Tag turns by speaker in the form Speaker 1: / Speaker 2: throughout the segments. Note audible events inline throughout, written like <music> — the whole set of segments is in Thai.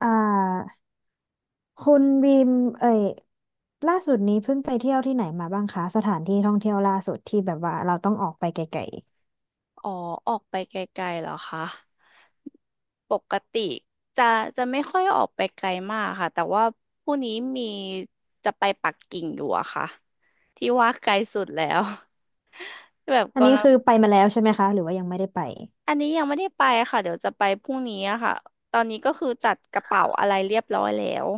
Speaker 1: อ่าคุณบีมเอ่ยล่าสุดนี้เพิ่งไปเที่ยวที่ไหนมาบ้างคะสถานที่ท่องเที่ยวล่าสุดที่แบบว่าเราต้องออกไปไกล
Speaker 2: อ๋อออกไปไกลๆเหรอคะ ปกติจะจะไม่ค่อยออกไปไกลมากค่ะแต่ว่าพรุ่งนี้มีจะไปปักกิ่งอยู่อะค่ะที่ว่าไกลสุดแล้ว <laughs> แบบ
Speaker 1: ๆอันนี้
Speaker 2: กำลัง
Speaker 1: คือไปมาแล้วใช่ไหมคะหรือว่ายังไม่ได้ไป
Speaker 2: อันนี้ยังไม่ได้ไปค่ะเดี๋ยวจะไปพรุ่งนี้อะค่ะตอนนี้ก็คือจัดกระเป๋าอะไรเรียบร้อยแล้ว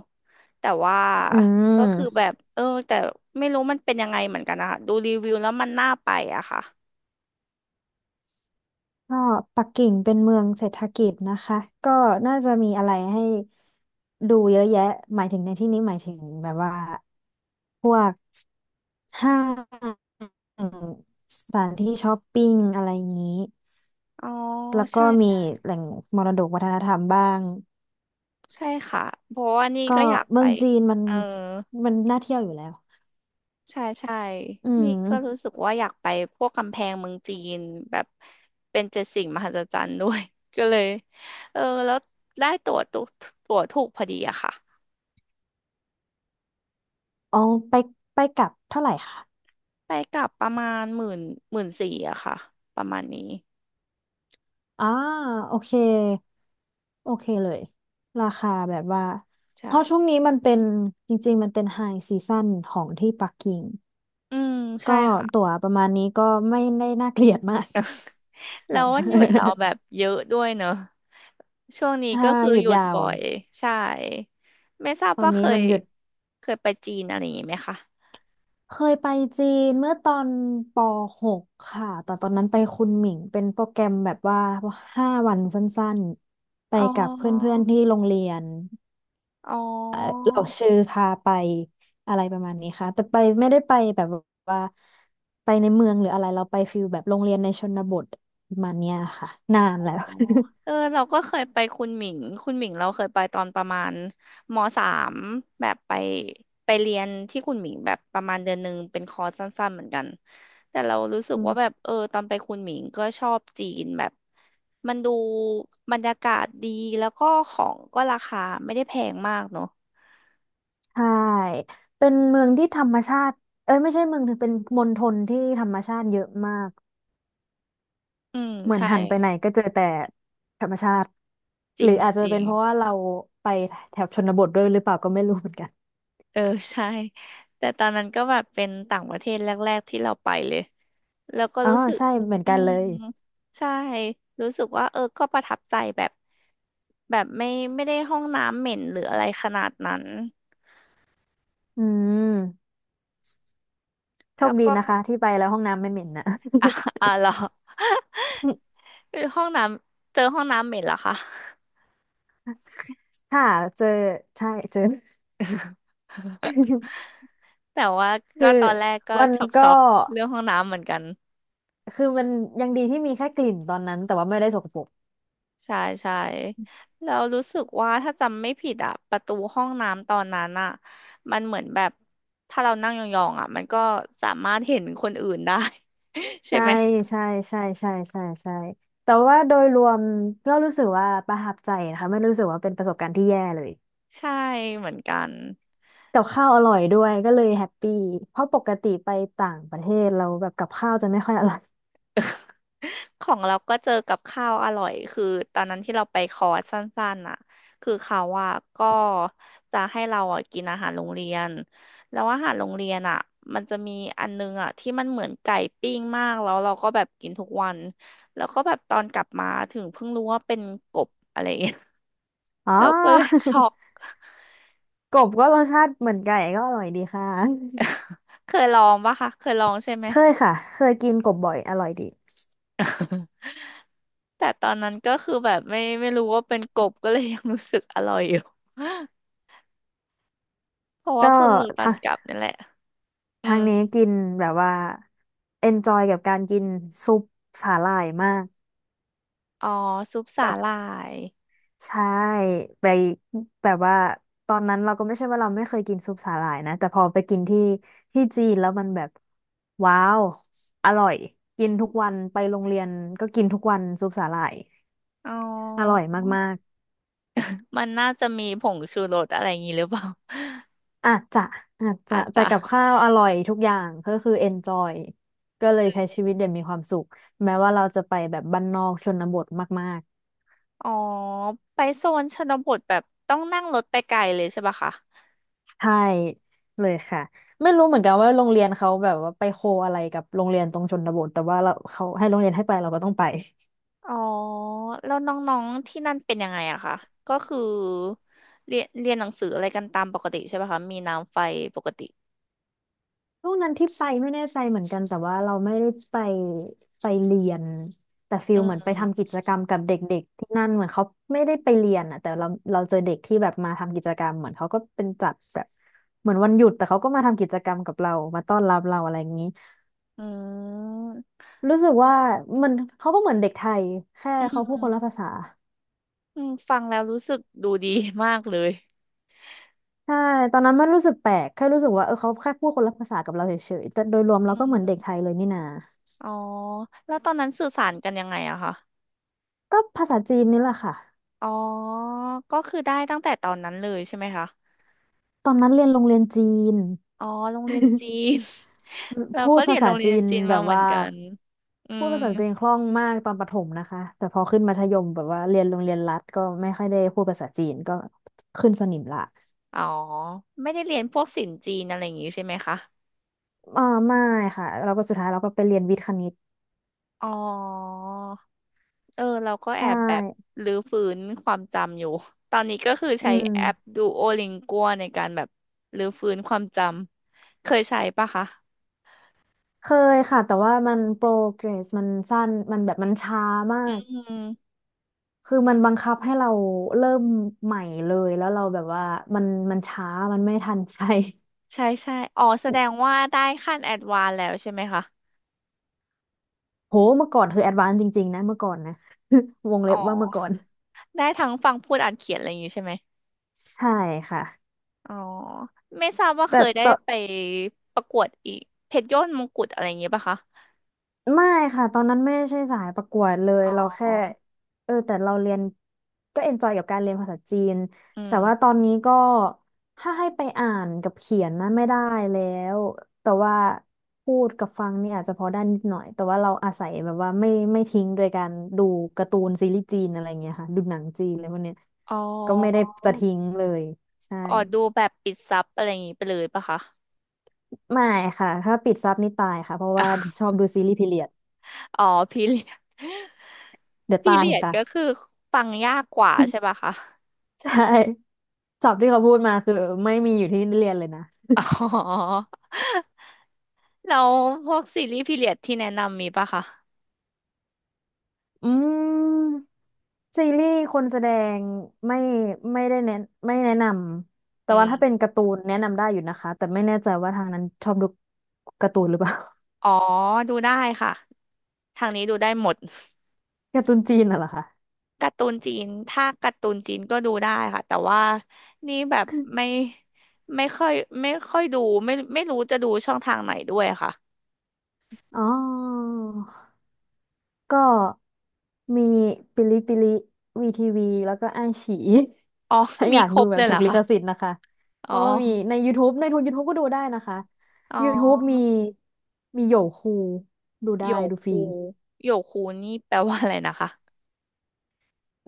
Speaker 2: แต่ว่า
Speaker 1: อื
Speaker 2: ก็คือแบ
Speaker 1: ม
Speaker 2: บเออแต่ไม่รู้มันเป็นยังไงเหมือนกันนะคะดูรีวิวแล้วมันน่าไปอะค่ะ
Speaker 1: ก็ปักกิ่งเป็นเมืองเศรษฐกิจนะคะก็น่าจะมีอะไรให้ดูเยอะแยะหมายถึงในที่นี้หมายถึงแบบว่าพวกห้างสถานที่ช้อปปิ้งอะไรอย่างนี้
Speaker 2: อ๋อ
Speaker 1: แล้วก็
Speaker 2: ใช่
Speaker 1: มี
Speaker 2: ใช่
Speaker 1: แหล่งมรดกวัฒนธรรมบ้าง
Speaker 2: ใช่ค่ะเพราะว่านี่
Speaker 1: ก็
Speaker 2: ก็อยาก
Speaker 1: เมื
Speaker 2: ไป
Speaker 1: องจีนมัน
Speaker 2: เออ
Speaker 1: น่าเที่ยวอยู่แล้ว
Speaker 2: ใช่ใช่
Speaker 1: อื
Speaker 2: นี่ก็รู้
Speaker 1: ม
Speaker 2: สึกว่าอยากไปพวกกำแพงเมืองจีนแบบเป็นเจ็ดสิ่งมหัศจรรย์ด้วย <laughs> ก็เลยเออแล้วได้ตั๋วถูกพอดีอะค่ะ
Speaker 1: อ๋อไปกลับเท่าไหร่คะ
Speaker 2: ไปกลับประมาณหมื่นสี่อะค่ะประมาณนี้
Speaker 1: อ่าโอเค โอเคเลย ราคาแบบว่า เพราะช่วง
Speaker 2: ใช่
Speaker 1: นี้มันเป็นจริงๆมันเป็นไฮซีซั่นของที่ปักกิ่ง
Speaker 2: อืม
Speaker 1: ก็
Speaker 2: ใช่ค่ะ
Speaker 1: ตั๋วประมาณนี้ก็ไม่ได้น่าเกลียดมาก
Speaker 2: แล้
Speaker 1: แบ
Speaker 2: ว
Speaker 1: บ
Speaker 2: วันหยุดเราแบบเยอะด้วยเนอะช่วงนี้
Speaker 1: <laughs> ถ้า
Speaker 2: ก็คือ
Speaker 1: หยุ
Speaker 2: ห
Speaker 1: ด
Speaker 2: ยุด
Speaker 1: ยาว
Speaker 2: บ่อยใช่ไม่ทราบ
Speaker 1: ตอน
Speaker 2: ว่าเค
Speaker 1: นี้มั
Speaker 2: ย
Speaker 1: นหยุด
Speaker 2: เคยไปจีนอะไรอย่างนี้ไหมคะ
Speaker 1: เคยไปจีนเมื่อตอนปหกค่ะแต่ตอนนั้นไปคุนหมิงเป็นโปรแกรมแบบว่าห้าวันสั้นๆไป
Speaker 2: อ๋
Speaker 1: กับเพ
Speaker 2: อ
Speaker 1: ื่อนๆที่โรงเรียน
Speaker 2: อ๋อ
Speaker 1: เอ่อเราชื่อพาไปอะไรประมาณนี้ค่ะแต่ไปไม่ได้ไปแบบว่าไปในเมืองหรืออะไรเราไปฟิลแบบโรงเรียนในชนบทประมาณเนี้ยค่ะนาน
Speaker 2: อ๋อ
Speaker 1: แล้ว
Speaker 2: เออเราก็เคยไปคุณหมิงคุณหมิงเราเคยไปตอนประมาณมสามแบบไปไปเรียนที่คุณหมิงแบบประมาณเดือนหนึ่งเป็นคอร์สสั้นๆเหมือนกันแต่เรารู้สึ
Speaker 1: <laughs>
Speaker 2: ก
Speaker 1: อื
Speaker 2: ว่าแบ
Speaker 1: ม
Speaker 2: บเออตอนไปคุณหมิงก็ชอบจีนแบบมันดูบรรยากาศดีแล้วก็ของก็ราคาไม่ได้แพงมากเนอะ
Speaker 1: ใช่เป็นเมืองที่ธรรมชาติเอ้ยไม่ใช่เมืองถึงเป็นมณฑลที่ธรรมชาติเยอะมาก
Speaker 2: อืม
Speaker 1: เหมือน
Speaker 2: ใช่
Speaker 1: หันไปไหนก็เจอแต่ธรรมชาติ
Speaker 2: จ
Speaker 1: ห
Speaker 2: ริ
Speaker 1: รือ
Speaker 2: ง
Speaker 1: อาจจะ
Speaker 2: จริ
Speaker 1: เป็
Speaker 2: ง
Speaker 1: นเพราะว่าเราไปแถบชนบทด้วยหรือเปล่าก็ไม่รู้เหมือนกัน
Speaker 2: เออใช่แต่ตอนนั้นก็แบบเป็นต่างประเทศแรกๆที่เราไปเลย แล้วก็
Speaker 1: อ๋อ
Speaker 2: รู้สึก
Speaker 1: ใช่เหมือน
Speaker 2: อื
Speaker 1: กันเล
Speaker 2: ม
Speaker 1: ย
Speaker 2: ใช่ รู้สึกว่าเออก็ประทับใจแบบ แบบไม่ได้ห้องน้ำเหม็นหรืออะไรขนาดนั้น
Speaker 1: อืมโช
Speaker 2: แล้
Speaker 1: ค
Speaker 2: ว
Speaker 1: ดี
Speaker 2: ก็
Speaker 1: นะคะที่ไปแล้วห้องน้ำไม่เหม็นนะ
Speaker 2: อ่ะอ่ะเหรอ <laughs> คือห้องน้ำเจอห้องน้ำเหม็นเหรอคะ
Speaker 1: <laughs> ค่ะเจอใช่เจอ
Speaker 2: <laughs>
Speaker 1: <laughs>
Speaker 2: แต่ว่า
Speaker 1: คื
Speaker 2: ก็
Speaker 1: อ
Speaker 2: ตอนแรกก็
Speaker 1: มัน
Speaker 2: ช็อก
Speaker 1: ก็
Speaker 2: ช็อกเรื่องห้องน้ำเหมือนกัน
Speaker 1: คือมันยังดีที่มีแค่กลิ่นตอนนั้นแต่ว่าไม่ได้สกปรก
Speaker 2: ใช่ใช่แล้วรู้สึกว่าถ้าจำไม่ผิดอะประตูห้องน้ำตอนนั้นอะมันเหมือนแบบถ้าเรานั่งยองๆอะมันก็สามารถเห็นคนอื่นได้ <laughs> ใช่
Speaker 1: ใช่
Speaker 2: ไหม
Speaker 1: ใช่ใช่ใช่ใช่ใช่แต่ว่าโดยรวมก็รู้สึกว่าประทับใจนะคะไม่รู้สึกว่าเป็นประสบการณ์ที่แย่เลย
Speaker 2: ใช่เหมือนกัน
Speaker 1: กับข้าวอร่อยด้วยก็เลยแฮปปี้เพราะปกติไปต่างประเทศเราแบบกับข้าวจะไม่ค่อยอร่อย
Speaker 2: <laughs> ของเราก็เจอกับข้าวอร่อยคือตอนนั้นที่เราไปคอร์สสั้นๆน่ะคือเขาอ่ะก็จะให้เราอ่ะกินอาหารโรงเรียนแล้วอาหารโรงเรียนอ่ะมันจะมีอันนึงอ่ะที่มันเหมือนไก่ปิ้งมากแล้วเราก็แบบกินทุกวันแล้วก็แบบตอนกลับมาถึงเพิ่งรู้ว่าเป็นกบอะไรอย่างเงี้ย
Speaker 1: <laughs> อ๋อ
Speaker 2: <laughs> เราก็เลยช็อก
Speaker 1: <laughs> กบก็รสชาติเหมือนไก่ก็อร่อยดีค่ะ
Speaker 2: <laughs> เคยลองปะคะเคยลองใช่ไหม
Speaker 1: <laughs> เคยค่ะเคยกินกบบ่อยอร่อยดี
Speaker 2: <laughs> แต่ตอนนั้นก็คือแบบไม่รู้ว่าเป็นกบก็เลยยังรู้สึกอร่อยอยู่ เพราะว่า
Speaker 1: ก็
Speaker 2: เพิ่งรู้ตอ
Speaker 1: ทา
Speaker 2: น
Speaker 1: ง
Speaker 2: กลับนั่นแหละอืม
Speaker 1: นี้กินแบบว่า enjoy กับการกินซุปสาหร่ายมาก
Speaker 2: อ๋อซุปสาหร่าย
Speaker 1: ใช่ไปแบบว่าตอนนั้นเราก็ไม่ใช่ว่าเราไม่เคยกินซุปสาหร่ายนะแต่พอไปกินที่จีนแล้วมันแบบว้าวอร่อยกินทุกวันไปโรงเรียนก็กินทุกวันซุปสาหร่าย
Speaker 2: อ๋อ
Speaker 1: อร่อยมาก
Speaker 2: มันน่าจะมีผงชูรสอะไรอย่างงี้หรือเปล่า <laughs>
Speaker 1: ๆอาจจะ
Speaker 2: อาจ
Speaker 1: แต่
Speaker 2: จะ
Speaker 1: กับข้าวอร่อยทุกอย่างก็คือ enjoy ก็เลยใช้ชีวิตอย่างมีความสุขแม้ว่าเราจะไปแบบบ้านนอกชนบทมาก
Speaker 2: อ๋อไปโซนชนบทแบบต้องนั่งรถไปไกลเลยใช่ปะคะ
Speaker 1: ใช่เลยค่ะไม่รู้เหมือนกันว่าโรงเรียนเขาแบบว่าไปโคอะไรกับโรงเรียนตรงชนบทแต่ว่าเราเขาให้โรงเรียนให้ไปเราก็ต้องไป <laughs>
Speaker 2: อ๋อแล้วน้องๆที่นั่นเป็นยังไงอะคะ ก็คือเรียนเรียนหนังสืออะไรกันตามปกติใช่ปะคะ มีน้ำไฟปกติ
Speaker 1: ช่วงนั้นที่ไปไม่แน่ใจเหมือนกันแต่ว่าเราไม่ได้ไปเรียนแต่ฟิ
Speaker 2: อื
Speaker 1: ลเหมือนไปทำ
Speaker 2: ม
Speaker 1: กิจกรรมกับเด็กๆที่นั่นเหมือนเขาไม่ได้ไปเรียนอ่ะแต่เราเจอเด็กที่แบบมาทำกิจกรรมเหมือนเขาก็เป็นจัดแบบเหมือนวันหยุดแต่เขาก็มาทำกิจกรรมกับเรามาต้อนรับเราอะไรอย่างนี้
Speaker 2: อืม
Speaker 1: รู้สึกว่ามันเขาก็เหมือนเด็กไทยแค่
Speaker 2: อื
Speaker 1: เขาพูด
Speaker 2: ม
Speaker 1: คนละภาษา <laughs>
Speaker 2: อืมฟังแล้วรู้สึกดูดีมากเลย
Speaker 1: ใช่ตอนนั้นมันรู้สึกแปลกแค่รู้สึกว่าเออเขาแค่พูดคนละภาษากับเราเฉยๆแต่โดยรวมเรา
Speaker 2: อื
Speaker 1: ก็เหมือนเด็ก
Speaker 2: ม
Speaker 1: ไทยเลยนี่นา
Speaker 2: อ๋อแล้วตอนนั้นสื่อสารกันยังไงอะคะ
Speaker 1: ก็ภาษาจีนนี่แหละค่ะ
Speaker 2: อ๋อก็คือได้ตั้งแต่ตอนนั้นเลยใช่ไหมคะ
Speaker 1: ตอนนั้นเรียนโรงเรียนจีน
Speaker 2: อ๋อโรงเรียนจีน <laughs> เรา
Speaker 1: พู
Speaker 2: ก็
Speaker 1: ด
Speaker 2: เรี
Speaker 1: ภา
Speaker 2: ยนโร
Speaker 1: ษา
Speaker 2: งเรี
Speaker 1: จี
Speaker 2: ยน
Speaker 1: น
Speaker 2: จีน
Speaker 1: แบ
Speaker 2: มา
Speaker 1: บ
Speaker 2: เหมือน
Speaker 1: ว่า
Speaker 2: กันอื
Speaker 1: พูด
Speaker 2: ม
Speaker 1: ภาษาจีนคล่องมากตอนประถมนะคะแต่พอขึ้นมัธยมแบบว่าเรียนโรงเรียนรัฐก็ไม่ค่อยได้พูดภาษาจีนก็ขึ้นสนิมละ
Speaker 2: อ๋อไม่ได้เรียนพวกศิลป์จีนอะไรอย่างงี้ใช่ไหมคะ
Speaker 1: อ่าไม่ค่ะเราก็สุดท้ายเราก็ไปเรียนวิทย์คณิต
Speaker 2: อ๋อเออเราก็แอ
Speaker 1: ใช่
Speaker 2: บแบบรื้อฟื้นความจำอยู่ตอนนี้ก็คือ
Speaker 1: อื
Speaker 2: ใช้
Speaker 1: ม
Speaker 2: แอปดูโอลิงกัวในการแบบรื้อฟื้นความจำ เคยใช้ปะคะ
Speaker 1: เคยค่ะแต่ว่ามันโปรเกรสมันสั้นมันแบบมันช้ามา
Speaker 2: อื
Speaker 1: ก
Speaker 2: ม
Speaker 1: คือมันบังคับให้เราเริ่มใหม่เลยแล้วเราแบบว่ามันช้ามันไม่ทันใจ
Speaker 2: ใช่ใช่อ๋อแสดง
Speaker 1: <laughs>
Speaker 2: ว่าได้ขั้นแอดวานแล้วใช่ไหมคะ
Speaker 1: โหเมื่อก่อนคือแอดวานซ์จริงๆนะเมื่อก่อนนะ <laughs> วงเล็
Speaker 2: อ๋อ
Speaker 1: บว่าเมื่อก่อน
Speaker 2: ได้ทั้งฟังพูดอ่านเขียนอะไรอย่างงี้ใช่ไหม
Speaker 1: ใช่ค่ะ
Speaker 2: อ๋อ ไม่ทราบว่าเค
Speaker 1: แต่
Speaker 2: ยได้
Speaker 1: ต่อ
Speaker 2: ไปประกวดอีกเพชรยอดมงกุฎอะไรอย่างงี้ป่ะคะ
Speaker 1: ไม่ค่ะตอนนั้นไม่ใช่สายประกวดเลยเรา
Speaker 2: อ๋
Speaker 1: แค่
Speaker 2: อ
Speaker 1: เออแต่เราเรียนก็เอนจอยกับการเรียนภาษาจีน
Speaker 2: อื
Speaker 1: แต่
Speaker 2: ม
Speaker 1: ว่าตอนนี้ก็ถ้าให้ไปอ่านกับเขียนนะไม่ได้แล้วแต่ว่าพูดกับฟังนี่อาจจะพอได้นิดหน่อยแต่ว่าเราอาศัยแบบว่าไม่ทิ้งโดยการดูการ์ตูนซีรีส์จีนอะไรเงี้ยค่ะดูหนังจีนอะไรพวกเนี้ย
Speaker 2: อ๋อ
Speaker 1: ก็ไม่ได้จะทิ้งเลยใช่
Speaker 2: อ๋อดูแบบปิดซับอะไรอย่างงี้ไปเลยป่ะคะ
Speaker 1: ไม่ค่ะถ้าปิดซับนี่ตายค่ะเพราะว่าชอบดูซีรีส์พีเรียด
Speaker 2: อ๋อพีเรียด <laughs>
Speaker 1: เดี๋ยว
Speaker 2: พี
Speaker 1: ตาย
Speaker 2: เรียด
Speaker 1: ค่ะ
Speaker 2: ก็คือฟังยากกว่า
Speaker 1: <laughs>
Speaker 2: ใช่ป่ะคะ
Speaker 1: ใช่ ศัพท์ที่เขาพูดมาคือไม่มีอยู่ที่เรียนเลยนะ
Speaker 2: อ๋อ <laughs> แล้วพวกซีรีส์พีเรียดที่แนะนำมีป่ะคะ
Speaker 1: อืมซีรีส์คนแสดงไม่ไม่ได้แนะไม่แนะนำแต่
Speaker 2: อื
Speaker 1: ว่าถ้าเป็
Speaker 2: ม
Speaker 1: นการ์ตูนแนะนำได้อยู่นะคะแต่ไม่แน่ใจว่าทางนั้นชอบดูการ์ตูนหรือเปล่า <laughs>
Speaker 2: อ๋อดูได้ค่ะ ทางนี้ดูได้หมด <laughs>
Speaker 1: การ์ตูนจีนน่ะเหรอคะ
Speaker 2: การ์ตูนจีน ถ้าการ์ตูนจีนก็ดูได้ค่ะ แต่ว่านี่แบบไม่ไม่ค่อยไม่ค่อยดูไม่รู้จะดูช่องทางไหนด้วยค่ะ
Speaker 1: อ๋อก็มีปิลิปิลิวีทีวีแล้วก็ไอฉี
Speaker 2: อ๋อ
Speaker 1: ถ้า
Speaker 2: <laughs>
Speaker 1: อ
Speaker 2: มี
Speaker 1: ยาก
Speaker 2: คร
Speaker 1: ดู
Speaker 2: บ
Speaker 1: แบ
Speaker 2: เล
Speaker 1: บ
Speaker 2: ยเห
Speaker 1: ถู
Speaker 2: ร
Speaker 1: ก
Speaker 2: อ
Speaker 1: ลิ
Speaker 2: คะ
Speaker 1: ขสิทธิ์นะคะเพ
Speaker 2: อ๋
Speaker 1: ราะว่ามี
Speaker 2: อ
Speaker 1: ใน YouTube ในทุน YouTube ก็ดูได้นะคะ
Speaker 2: อ๋อ
Speaker 1: YouTube มีมีโยคูดู
Speaker 2: โย
Speaker 1: ได้ดูฟ
Speaker 2: คู
Speaker 1: รี
Speaker 2: โยคูนี่แปลว่าอะไรนะคะ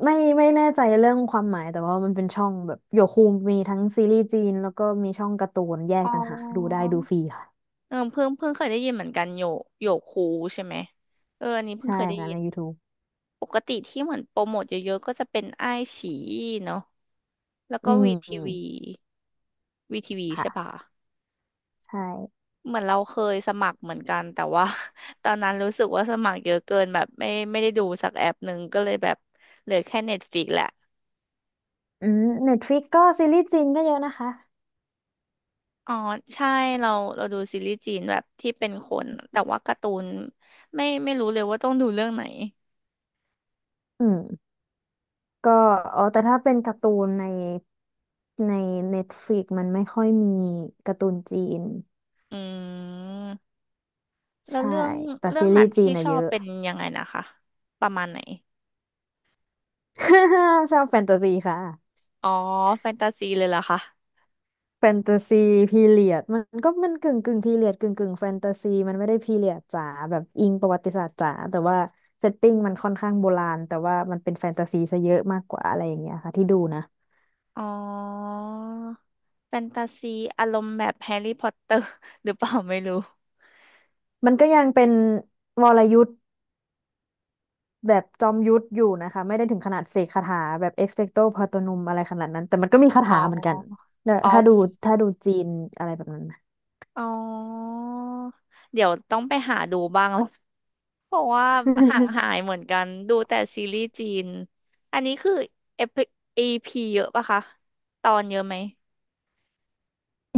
Speaker 1: ไม่ไม่แน่ใจเรื่องความหมายแต่ว่ามันเป็นช่องแบบโยคูมีทั้งซีรีส์จีนแล้วก็มีช่องการ์ตูนแยก
Speaker 2: อ๋อ
Speaker 1: ต่างหากดูได้ดูฟรีค่ะ
Speaker 2: เออเพิ่งเคยได้ยินเหมือนกันโยคูใช่ไหมเอออันนี้เพิ่ง
Speaker 1: ใช่
Speaker 2: เคยได้
Speaker 1: ค่ะ
Speaker 2: ยิ
Speaker 1: ใน
Speaker 2: น
Speaker 1: YouTube
Speaker 2: ปกติที่เหมือนโปรโมทเยอะๆก็จะเป็นอ้ายฉีเนาะ แล้ว
Speaker 1: อื
Speaker 2: ก็วีทีวี
Speaker 1: ม
Speaker 2: วีทีวี
Speaker 1: ค่ะ
Speaker 2: ใช่ปะ
Speaker 1: ใช่
Speaker 2: เหมือนเราเคยสมัครเหมือนกันแต่ว่า <laughs> ตอนนั้นรู้สึกว่าสมัครเยอะเกินแบบไม่ไม่ได้ดูสักแอปหนึ่งก็เลยแบบเหลือแค่เน็ตฟ i ิกแหละ
Speaker 1: อืม Netflix ก็ซีรีส์จีนก็เยอะนะคะ
Speaker 2: อ๋อใช่เราเราดูซีรีส์จีนแบบที่เป็นคนแต่ว่าการ์ตูนไม่รู้เลยว่าต้องดูเรื่องไหน
Speaker 1: อืม ก็อ๋อแต่ถ้าเป็นการ์ตูนใน Netflix มันไม่ค่อยมีการ์ตูนจีน
Speaker 2: อืมแล้ว
Speaker 1: ใช่
Speaker 2: เรื่อง
Speaker 1: แต่
Speaker 2: เรื่อ
Speaker 1: ซี
Speaker 2: งหนั
Speaker 1: รี
Speaker 2: ง
Speaker 1: ส์จี
Speaker 2: ที่
Speaker 1: น
Speaker 2: ช
Speaker 1: อะ
Speaker 2: อ
Speaker 1: เย
Speaker 2: บ
Speaker 1: อะ
Speaker 2: เป็นยังไงนะคะประมาณไหน
Speaker 1: <laughs> ชอบแฟนตาซีค่ะ
Speaker 2: อ๋อแฟนตาซีเลยเหรอคะ
Speaker 1: แฟนตาซีพีเรียดมันก็มันกึ่งพีเรียดกึ่งแฟนตาซีมันไม่ได้พีเรียดจ๋าแบบอิงประวัติศาสตร์จ๋าแต่ว่าเซตติ้งมันค่อนข้างโบราณแต่ว่ามันเป็นแฟนตาซีซะเยอะมากกว่าอะไรอย่างเงี้ยค่ะที่ดูนะ
Speaker 2: อ๋อแฟนตาซีอารมณ์แบบแฮร์รี่พอตเตอร์ <laughs> หรือเปล่าไม่รู้
Speaker 1: มันก็ยังเป็นวรยุทธ แบบจอมยุทธอยู่นะคะไม่ได้ถึงขนาดเสกคาถาแบบเอ็กซ์เพคโตปาโตนุมอะไรขนาดนั้นแต่มันก็มีคา
Speaker 2: อ๋
Speaker 1: ถาเหมือนกัน
Speaker 2: อ
Speaker 1: เนี่ย
Speaker 2: อ
Speaker 1: ถ้า
Speaker 2: อ
Speaker 1: ดู
Speaker 2: ฟ
Speaker 1: ถ้าดูจีนอะไรแบบนั้นนะ
Speaker 2: อ๋อเดี๋ยวต้องไปหาดูบ้าง <laughs> แล้ว <laughs> เพราะว่าห่าง
Speaker 1: <laughs>
Speaker 2: หายเหมือนกันดูแต่ซีรีส์จีนอันนี้คือเอพีเยอะปะคะตอนเยอะไหม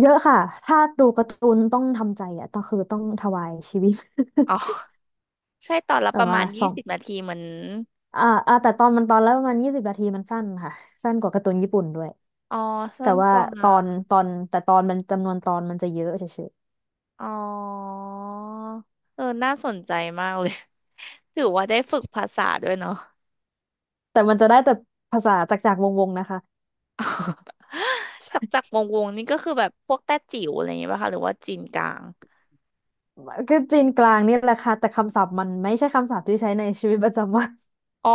Speaker 1: เยอะค่ะถ้าดูการ์ตูนต้องทำใจอ่ะต้องคือต้องถวายชีวิต
Speaker 2: อ๋อใช่ตอน
Speaker 1: <laughs>
Speaker 2: ละ
Speaker 1: แต่
Speaker 2: ประมา
Speaker 1: ว่า
Speaker 2: ณ
Speaker 1: ส
Speaker 2: ยี่
Speaker 1: อง
Speaker 2: สิบนาทีเหมือน
Speaker 1: อ่าอ่าแต่ตอนมันตอนแล้วประมาณ20 นาทีมันสั้นค่ะสั้นกว่าการ์ตูนญี่ปุ่นด้วย
Speaker 2: อ๋อ
Speaker 1: แต่
Speaker 2: สั้น
Speaker 1: ว่า
Speaker 2: กว่า
Speaker 1: ตอนมันจำนวนตอนมันจะเยอะเฉย
Speaker 2: อ๋อเออน่าสนใจมากเลย <laughs> ถือว่าได้ฝึกภาษาด้วยเนาะ
Speaker 1: ๆแต่มันจะได้แต่ภาษาจากวงๆนะคะ
Speaker 2: <laughs> จากจากวงนี่ก็คือแบบพวกแต้จิ๋วอะไรอย่างเงี้ยป่ะคะ หรือว่าจีนกลาง
Speaker 1: ก็จีนกลางเนี่ยแหละค่ะแต่คำศัพท์มันไม่ใช่คำศัพท์ที่ใช้ในชีวิตประจำวัน
Speaker 2: อ๋อ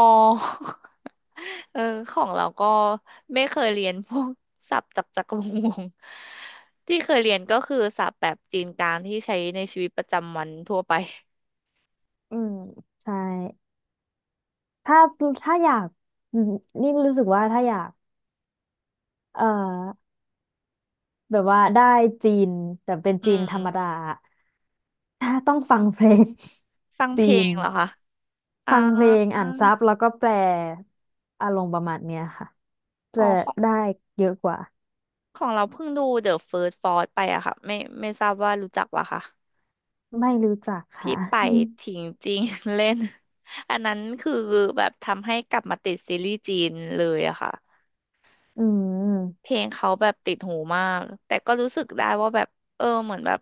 Speaker 2: <laughs> เออของเราก็ไม่เคยเรียนพวกศัพท์จากจากวง <laughs> ที่เคยเรียนก็คือศัพท์แบบจีนกลางที่ใช้ในชีวิตประจำวันทั่วไป
Speaker 1: อืมใช่ถ้าถ้าอยากอืมนี่รู้สึกว่าถ้าอยากเอ่อแบบว่าได้จีนแต่เป็น
Speaker 2: <laughs> อื
Speaker 1: จีน
Speaker 2: ม
Speaker 1: ธรรมดาถ้าต้องฟังเพลง
Speaker 2: ฟัง
Speaker 1: <laughs>
Speaker 2: เพ
Speaker 1: จี
Speaker 2: ล
Speaker 1: น
Speaker 2: งเหรอคะอ่า
Speaker 1: ฟังเพลงอ่านซับแล้วก็แปลอารมณ์ประมาณเนี้ยค่ะ
Speaker 2: อ๋
Speaker 1: จะ
Speaker 2: อ
Speaker 1: ได้เยอะกว่า
Speaker 2: ของเราเพิ่งดู The First Fort ไปอะค่ะไม่ทราบว่ารู้จักวะค่ะ
Speaker 1: ไม่รู้จัก
Speaker 2: ที่
Speaker 1: ค่ะ
Speaker 2: ไปถิงจริง <laughs> เล่น <laughs> อันนั้นคือแบบทำให้กลับมาติดซีรีส์จีนเลยอะค่ะ
Speaker 1: <laughs> อืม
Speaker 2: เพลงเขาแบบติดหูมากแต่ก็รู้สึกได้ว่าแบบเออเหมือนแบบ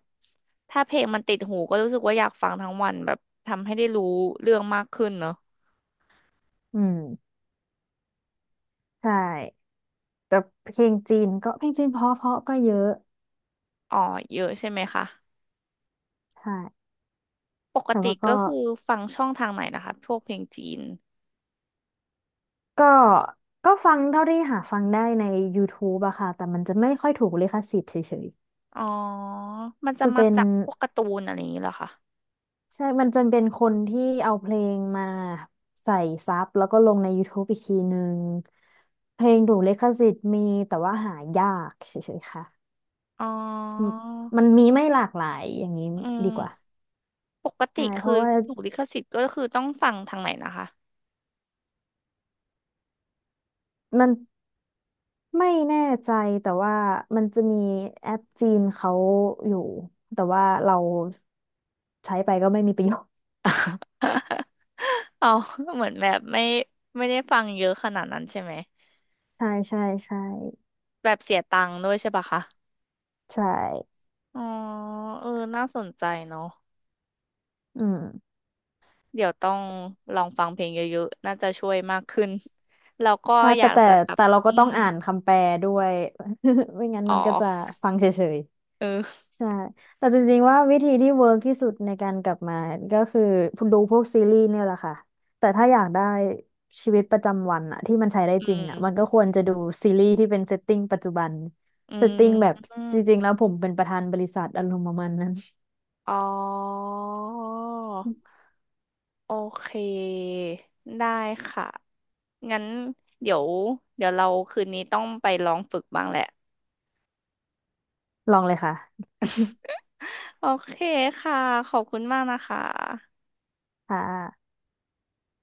Speaker 2: ถ้าเพลงมันติดหูก็รู้สึกว่าอยากฟังทั้งวันแบบทำให้ได้รู้เรื่องมากขึ้นเนอะ
Speaker 1: อืมใช่แต่เพลงจีนก็เพลงจีนเพราะๆก็เยอะ
Speaker 2: อ๋อเยอะใช่ไหมคะ
Speaker 1: ใช่
Speaker 2: ปก
Speaker 1: แต่
Speaker 2: ติ
Speaker 1: ว่า
Speaker 2: ก็
Speaker 1: ก็
Speaker 2: คือฟังช่องทางไหนนะคะพวกเพลงจีน
Speaker 1: ก็ก็ฟังเท่าที่หาฟังได้ใน YouTube อะค่ะแต่มันจะไม่ค่อยถูกลิขสิทธิ์เฉย
Speaker 2: อ๋อมัน
Speaker 1: ๆ
Speaker 2: จะ
Speaker 1: จะ
Speaker 2: มา
Speaker 1: เป็น
Speaker 2: จากพวกการ์ตูนอะไรอย่างนี้เหรอคะ
Speaker 1: ใช่มันจะเป็นคนที่เอาเพลงมาใส่ซับแล้วก็ลงใน YouTube อีกทีนึงเพลงถูกลิขสิทธิ์มีแต่ว่าหายากเฉยๆค่ะ
Speaker 2: อ๋อ
Speaker 1: มมันมีไม่หลากหลายอย่างนี้
Speaker 2: อืม
Speaker 1: ดีกว่า
Speaker 2: ปกติ
Speaker 1: ใช่เพ
Speaker 2: คือ
Speaker 1: ราะว่า
Speaker 2: ถูกลิขสิทธิ์ก็คือต้องฟังทางไหนนะคะ
Speaker 1: มัน ไม่แน่ใจแต่ว่ามันจะมีแอปจีนเขาอยู่แต่ว่าเราใช้ไปก็ไม่มีประโยชน์
Speaker 2: <laughs> เรา <laughs> เหมือนแบบไม่ได้ฟังเยอะขนาดนั้นใช่ไหม
Speaker 1: <laughs> ใช่ใช่ใช่
Speaker 2: แบบเสียตังค์ด้วยใช่ปะคะ
Speaker 1: ใช่
Speaker 2: อ๋อเออน่าสนใจเนาะ
Speaker 1: อืม
Speaker 2: เดี๋ยวต้องลองฟังเพลงเยอะๆน่าจะช่วยมากขึ้นแล้วก็
Speaker 1: ใช่
Speaker 2: อ
Speaker 1: แต่
Speaker 2: ยาก
Speaker 1: แต่
Speaker 2: จะกลับ
Speaker 1: แต่เราก็
Speaker 2: อื
Speaker 1: ต้อง
Speaker 2: ม
Speaker 1: อ่านคำแปลด้วย <laughs> ไม่งั้น
Speaker 2: อ๋
Speaker 1: มั
Speaker 2: อ
Speaker 1: นก็จะฟังเฉย
Speaker 2: เออ
Speaker 1: ใช่แต่จริงๆว่าวิธีที่เวิร์กที่สุดในการกลับมาก็คือดูพวกซีรีส์เนี่ยแหละค่ะ แต่ถ้าอยากได้ชีวิตประจำวันอะที่มันใช้ได้
Speaker 2: อื
Speaker 1: จริงอะมัน
Speaker 2: ม
Speaker 1: ก็ควรจะดูซีรีส์ที่เป็นเซตติ้งปัจจุบัน
Speaker 2: อื
Speaker 1: เซตติ้งแบบ
Speaker 2: ม
Speaker 1: จริงๆแล้วผมเป็นประธานบริษัทอารมณ์ประมาณนั้น
Speaker 2: อ๋อโอเค ได้ค่ะ งั้นเดี๋ยวเดี๋ยวเราคืนนี้ต้องไปลองฝึกบ้างแหละ
Speaker 1: <laughs> ลองเลยค่ะ
Speaker 2: โอเคค่ะขอบคุณมากนะคะ
Speaker 1: <laughs> ค่ะ